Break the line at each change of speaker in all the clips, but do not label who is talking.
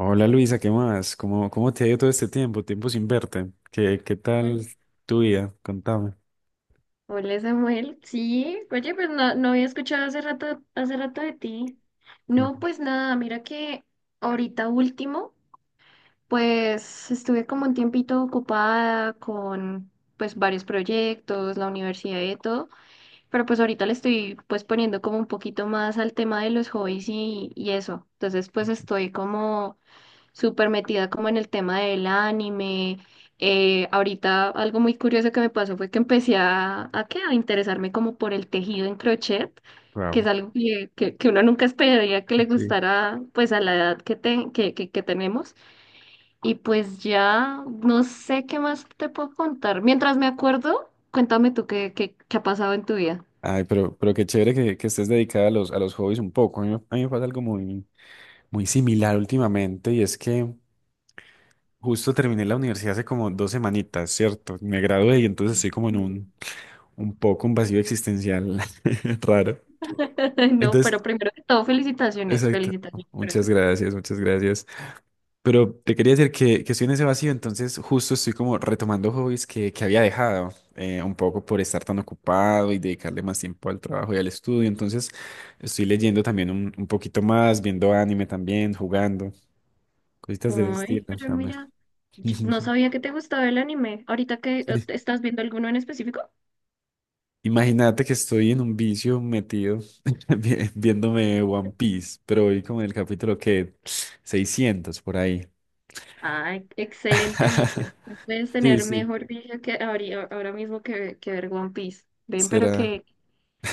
Hola Luisa, ¿qué más? ¿Cómo te ha ido todo este tiempo? Tiempo sin verte. ¿Qué tal
Bueno.
tu vida? Contame.
Hola Samuel, sí, oye, pues no había escuchado hace rato de ti. No, pues nada, mira que ahorita último, pues estuve como un tiempito ocupada con pues varios proyectos, la universidad y de todo, pero pues ahorita le estoy pues poniendo como un poquito más al tema de los hobbies y eso. Entonces pues estoy como súper metida como en el tema del anime. Ahorita algo muy curioso que me pasó fue que empecé a, ¿qué? A interesarme como por el tejido en crochet, que es
Wow,
algo que uno nunca esperaría que le
sí.
gustara pues a la edad que, te- que tenemos. Y pues ya no sé qué más te puedo contar. Mientras me acuerdo, cuéntame tú qué ha pasado en tu vida.
Ay, pero qué chévere que estés dedicada a los hobbies un poco. A mí me pasa algo muy similar últimamente y es que justo terminé la universidad hace como dos semanitas, ¿cierto? Me gradué y entonces estoy como en un, un poco un vacío existencial raro.
No, pero
Entonces,
primero que todo, felicitaciones,
exacto. Muchas
felicitaciones.
gracias, muchas gracias. Pero te quería decir que estoy en ese vacío, entonces justo estoy como retomando hobbies que había dejado, un poco por estar tan ocupado y dedicarle más tiempo al trabajo y al estudio. Entonces estoy leyendo también un poquito más, viendo anime también, jugando, cositas de
Ay,
estilo
pero
también.
mira, yo no sabía que te gustaba el anime. Ahorita que
Sí.
estás viendo alguno en específico.
Imagínate que estoy en un vicio metido viéndome One Piece, pero hoy como en el capítulo que 600 por ahí.
Ay, excelente video. No puedes
Sí,
tener
sí,
mejor video que ahora mismo que ver One Piece. Ven, pero
será.
qué,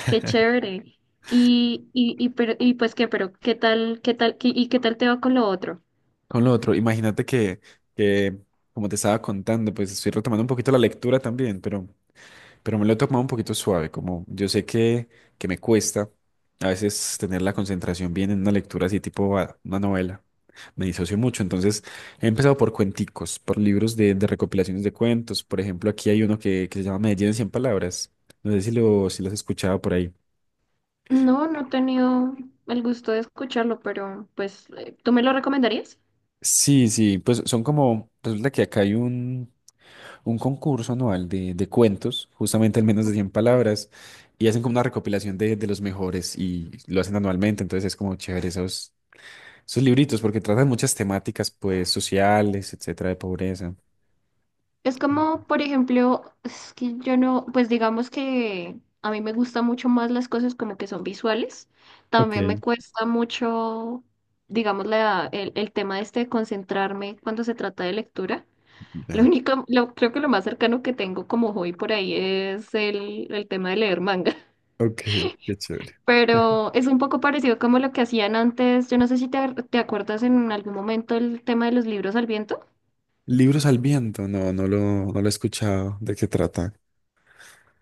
qué chévere. Y pues qué, pero qué tal, qué tal te va con lo otro.
Con lo otro, imagínate que como te estaba contando, pues estoy retomando un poquito la lectura también, pero me lo he tomado un poquito suave, como yo sé que me cuesta a veces tener la concentración bien en una lectura así tipo una novela. Me disocio mucho, entonces he empezado por cuenticos, por libros de recopilaciones de cuentos. Por ejemplo, aquí hay uno que se llama Medellín en 100 palabras. No sé si lo has escuchado por ahí.
No, no he tenido el gusto de escucharlo, pero pues, ¿tú me lo recomendarías?
Sí, sí, pues son como, resulta que acá hay un concurso anual de cuentos, justamente al menos de 100 palabras, y hacen como una recopilación de los mejores y lo hacen anualmente, entonces es como chévere esos, esos libritos porque tratan muchas temáticas pues sociales, etcétera, de pobreza.
Es como, por ejemplo, es que yo no, pues digamos que a mí me gustan mucho más las cosas como que son visuales.
Ok.
También me cuesta mucho, digamos, el tema este de concentrarme cuando se trata de lectura. Lo
Ya.
único, lo, creo que lo más cercano que tengo como hobby por ahí es el tema de leer manga.
Ok, qué chévere.
Pero es un poco parecido como lo que hacían antes. Yo no sé si te, te acuerdas en algún momento el tema de los libros al viento.
Libros al viento, no lo he escuchado, ¿de qué trata?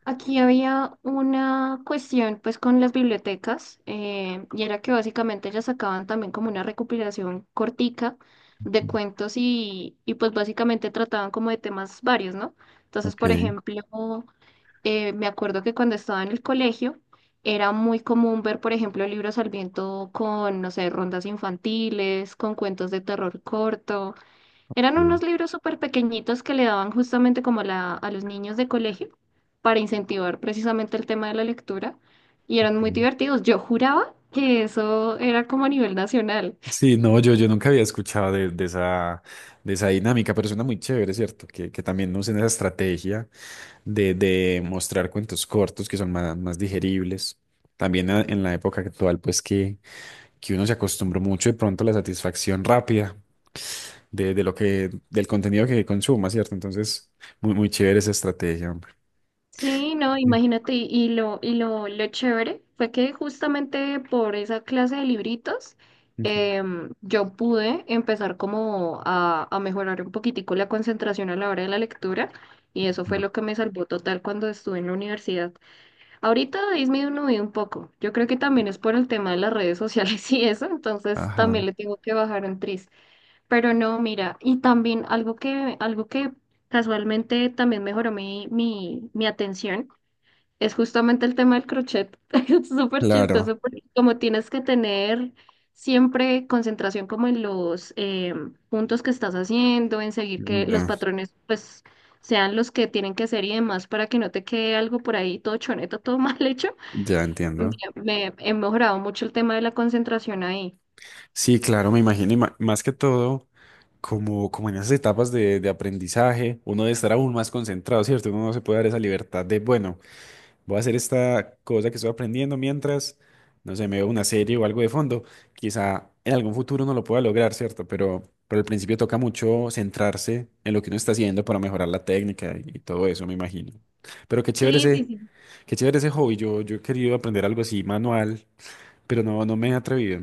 Aquí había una cuestión pues con las bibliotecas y era que básicamente ellas sacaban también como una recopilación cortica de cuentos y pues básicamente trataban como de temas varios, ¿no? Entonces, por
Ok.
ejemplo, me acuerdo que cuando estaba en el colegio era muy común ver, por ejemplo, libros al viento con, no sé, rondas infantiles, con cuentos de terror corto. Eran unos
Ok,
libros súper pequeñitos que le daban justamente como la, a los niños de colegio para incentivar precisamente el tema de la lectura y eran muy
ok.
divertidos. Yo juraba que eso era como a nivel nacional.
Sí, no, yo nunca había escuchado de esa dinámica, pero suena muy chévere, ¿cierto? Que también usen esa estrategia de mostrar cuentos cortos que son más digeribles. También en la época actual, que uno se acostumbró mucho de pronto a la satisfacción rápida de del contenido que consuma, ¿cierto? Entonces, muy chévere esa estrategia, hombre.
Sí, no,
Sí.
imagínate, y lo chévere fue que justamente por esa clase de libritos
Ujú.
yo pude empezar como a mejorar un poquitico la concentración a la hora de la lectura y eso fue
Ajá.
lo que me salvó total cuando estuve en la universidad. Ahorita ha disminuido un poco. Yo creo que también es por el tema de las redes sociales y eso, entonces
Ajá,
también le tengo que bajar un tris. Pero no, mira, y también algo que casualmente también mejoró mi atención es justamente el tema del crochet. Es súper
claro.
chistoso porque como tienes que tener siempre concentración como en los puntos que estás haciendo, en seguir que los
Ya,
patrones pues sean los que tienen que ser y demás para que no te quede algo por ahí todo choneto, todo mal hecho.
ya entiendo.
Me, He mejorado mucho el tema de la concentración ahí.
Sí, claro, me imagino, y más que todo, como en esas etapas de aprendizaje, uno debe estar aún más concentrado, ¿cierto? Uno no se puede dar esa libertad de, bueno, voy a hacer esta cosa que estoy aprendiendo mientras, no sé, me veo una serie o algo de fondo. Quizá en algún futuro no lo pueda lograr, ¿cierto? Pero al principio toca mucho centrarse en lo que uno está haciendo para mejorar la técnica y todo eso, me imagino. Pero qué chévere
Sí, sí,
ese,
sí.
Qué chévere ese hobby. Yo he querido aprender algo así manual, pero no me he atrevido.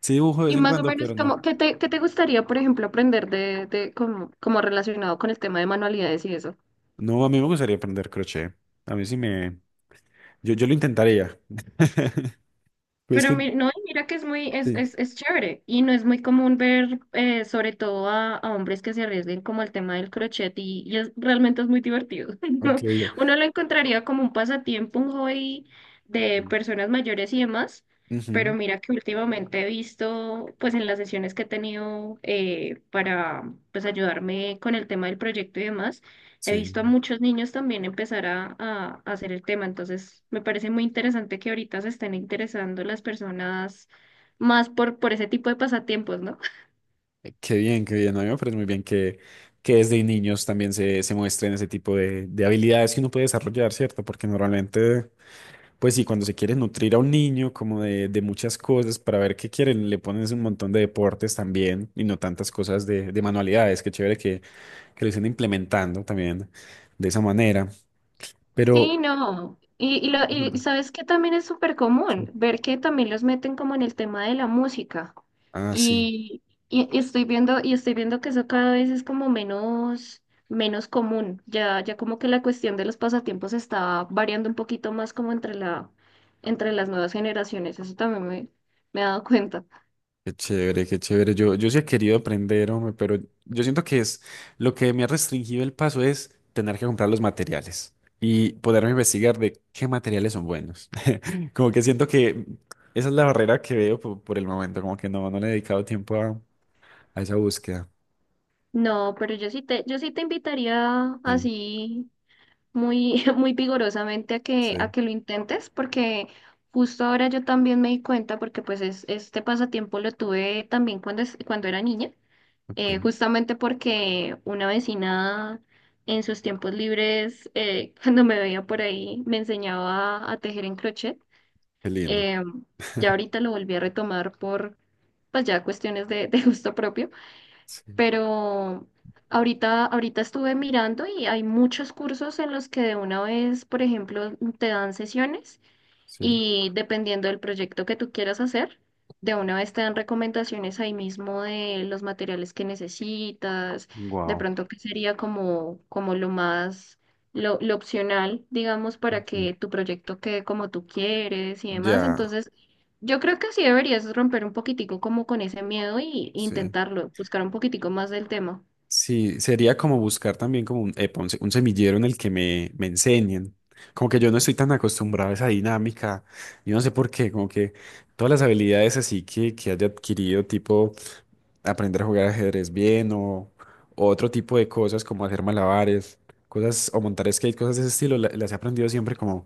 Sí dibujo de vez
Y
en
más o
cuando,
menos,
pero no.
como, ¿qué te gustaría, por ejemplo, aprender de como, como relacionado con el tema de manualidades y eso?
No, a mí me gustaría aprender crochet. A mí sí me... Yo lo intentaría. Pues
Pero
que...
mi- no, y mira que es muy,
Sí.
es chévere y no es muy común ver sobre todo a hombres que se arriesguen como el tema del crochet y es, realmente es muy divertido.
Ok.
¿No?
Ya.
Uno lo encontraría como un pasatiempo, un hobby de personas mayores y demás,
Ujú.
pero mira que últimamente he visto pues en las sesiones que he tenido para pues ayudarme con el tema del proyecto y demás. He visto a
Sí.
muchos niños también empezar a hacer el tema, entonces me parece muy interesante que ahorita se estén interesando las personas más por ese tipo de pasatiempos, ¿no?
Qué bien, qué bien. A mí me parece muy bien que desde niños también se muestren ese tipo de habilidades que uno puede desarrollar, ¿cierto? Porque normalmente, pues sí, cuando se quiere nutrir a un niño como de muchas cosas para ver qué quieren, le pones un montón de deportes también y no tantas cosas de manualidades. Qué chévere que lo estén implementando también de esa manera.
Sí,
Pero...
no. Y sabes que también es súper
Sí.
común ver que también los meten como en el tema de la música.
Ah, sí.
Y, y estoy viendo, y estoy viendo que eso cada vez es como menos común. Ya, ya como que la cuestión de los pasatiempos está variando un poquito más como entre la, entre las nuevas generaciones. Eso también me he dado cuenta.
Qué chévere, qué chévere. Yo sí he querido aprender, hombre, pero yo siento que es lo que me ha restringido el paso es tener que comprar los materiales y poderme investigar de qué materiales son buenos. Como que siento que esa es la barrera que veo por el momento, como que no le he dedicado tiempo a esa búsqueda.
No, pero yo sí te invitaría
Sí,
así muy, muy vigorosamente a que, a
sí.
que lo intentes, porque justo ahora yo también me di cuenta, porque pues es, este pasatiempo lo tuve también cuando, cuando era niña,
Ok,
justamente porque una vecina en sus tiempos libres, cuando me veía por ahí, me enseñaba a tejer en crochet.
qué lindo.
Em, ya ahorita lo volví a retomar por, pues ya cuestiones de gusto propio
Sí,
pero ahorita, ahorita estuve mirando y hay muchos cursos en los que de una vez, por ejemplo, te dan sesiones.
sí.
Y dependiendo del proyecto que tú quieras hacer, de una vez te dan recomendaciones ahí mismo de los materiales que necesitas, de
Wow.
pronto que sería como, como lo más, lo opcional, digamos, para que tu proyecto quede como tú quieres y demás.
Ya,
Entonces, yo creo que sí deberías romper un poquitico como con ese miedo y
sí.
intentarlo, buscar un poquitico más del tema.
Sí, sería como buscar también como un, epa, un, un semillero en el que me enseñen. Como que yo no estoy tan acostumbrado a esa dinámica. Yo no sé por qué, como que todas las habilidades así que haya adquirido, tipo aprender a jugar ajedrez bien o otro tipo de cosas como hacer malabares, cosas o montar skate, cosas de ese estilo, las he aprendido siempre como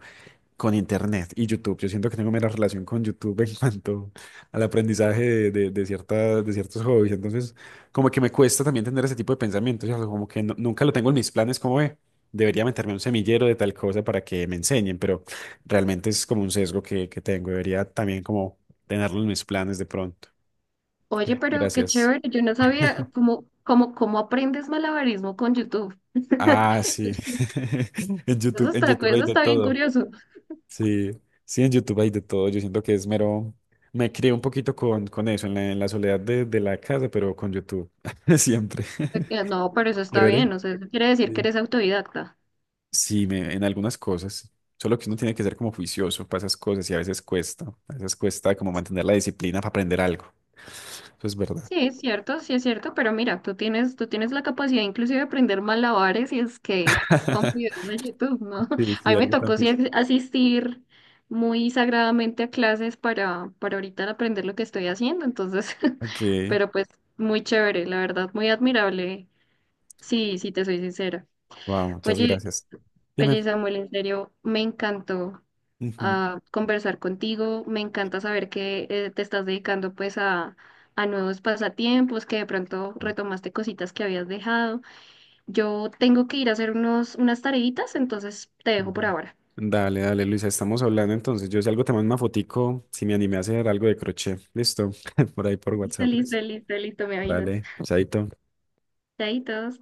con Internet y YouTube. Yo siento que tengo menos relación con YouTube en cuanto al aprendizaje de ciertos hobbies. Entonces, como que me cuesta también tener ese tipo de pensamientos. ¿Cierto? Como que nunca lo tengo en mis planes, como ve, debería meterme a un semillero de tal cosa para que me enseñen, pero realmente es como un sesgo que tengo. Debería también como tenerlo en mis planes de pronto. Ok,
Oye, pero qué
gracias.
chévere, yo no sabía cómo aprendes malabarismo con YouTube.
Ah, sí. En
Eso
YouTube, en
está,
YouTube hay
eso
de
está bien
todo.
curioso.
Sí, sí, en YouTube hay de todo. Yo siento que es mero. Me crié un poquito con eso, en la soledad de la casa, pero con YouTube. Siempre.
No, pero eso está
Chévere.
bien, o sea, eso quiere decir que
Sí,
eres autodidacta.
sí, en algunas cosas. Solo que uno tiene que ser como juicioso para esas cosas y a veces cuesta. A veces cuesta como mantener la disciplina para aprender algo. Eso es verdad.
Sí es cierto, pero mira, tú tienes la capacidad inclusive de aprender malabares y skate con videos de YouTube, ¿no?
Sí,
A
sí,
mí me
algo tan
tocó sí
difícil.
asistir muy sagradamente a clases para ahorita aprender lo que estoy haciendo, entonces,
Ok.
pero pues muy chévere, la verdad, muy admirable, sí, sí te soy sincera.
Wow, muchas
Oye,
gracias. Dime.
oye Samuel, en serio, me encantó
Ujú.
a conversar contigo. Me encanta saber que te estás dedicando pues a nuevos pasatiempos, que de pronto retomaste cositas que habías dejado. Yo tengo que ir a hacer unos, unas tareitas, entonces te dejo por
Ujú.
ahora.
Dale, dale, Luisa, estamos hablando entonces. Yo si algo te mando una fotico, si me animé a hacer algo de crochet. Listo, por ahí por
Listo,
WhatsApp,
listo,
pues.
listo, listo, me avisas.
Dale, chaito.
Chaitos.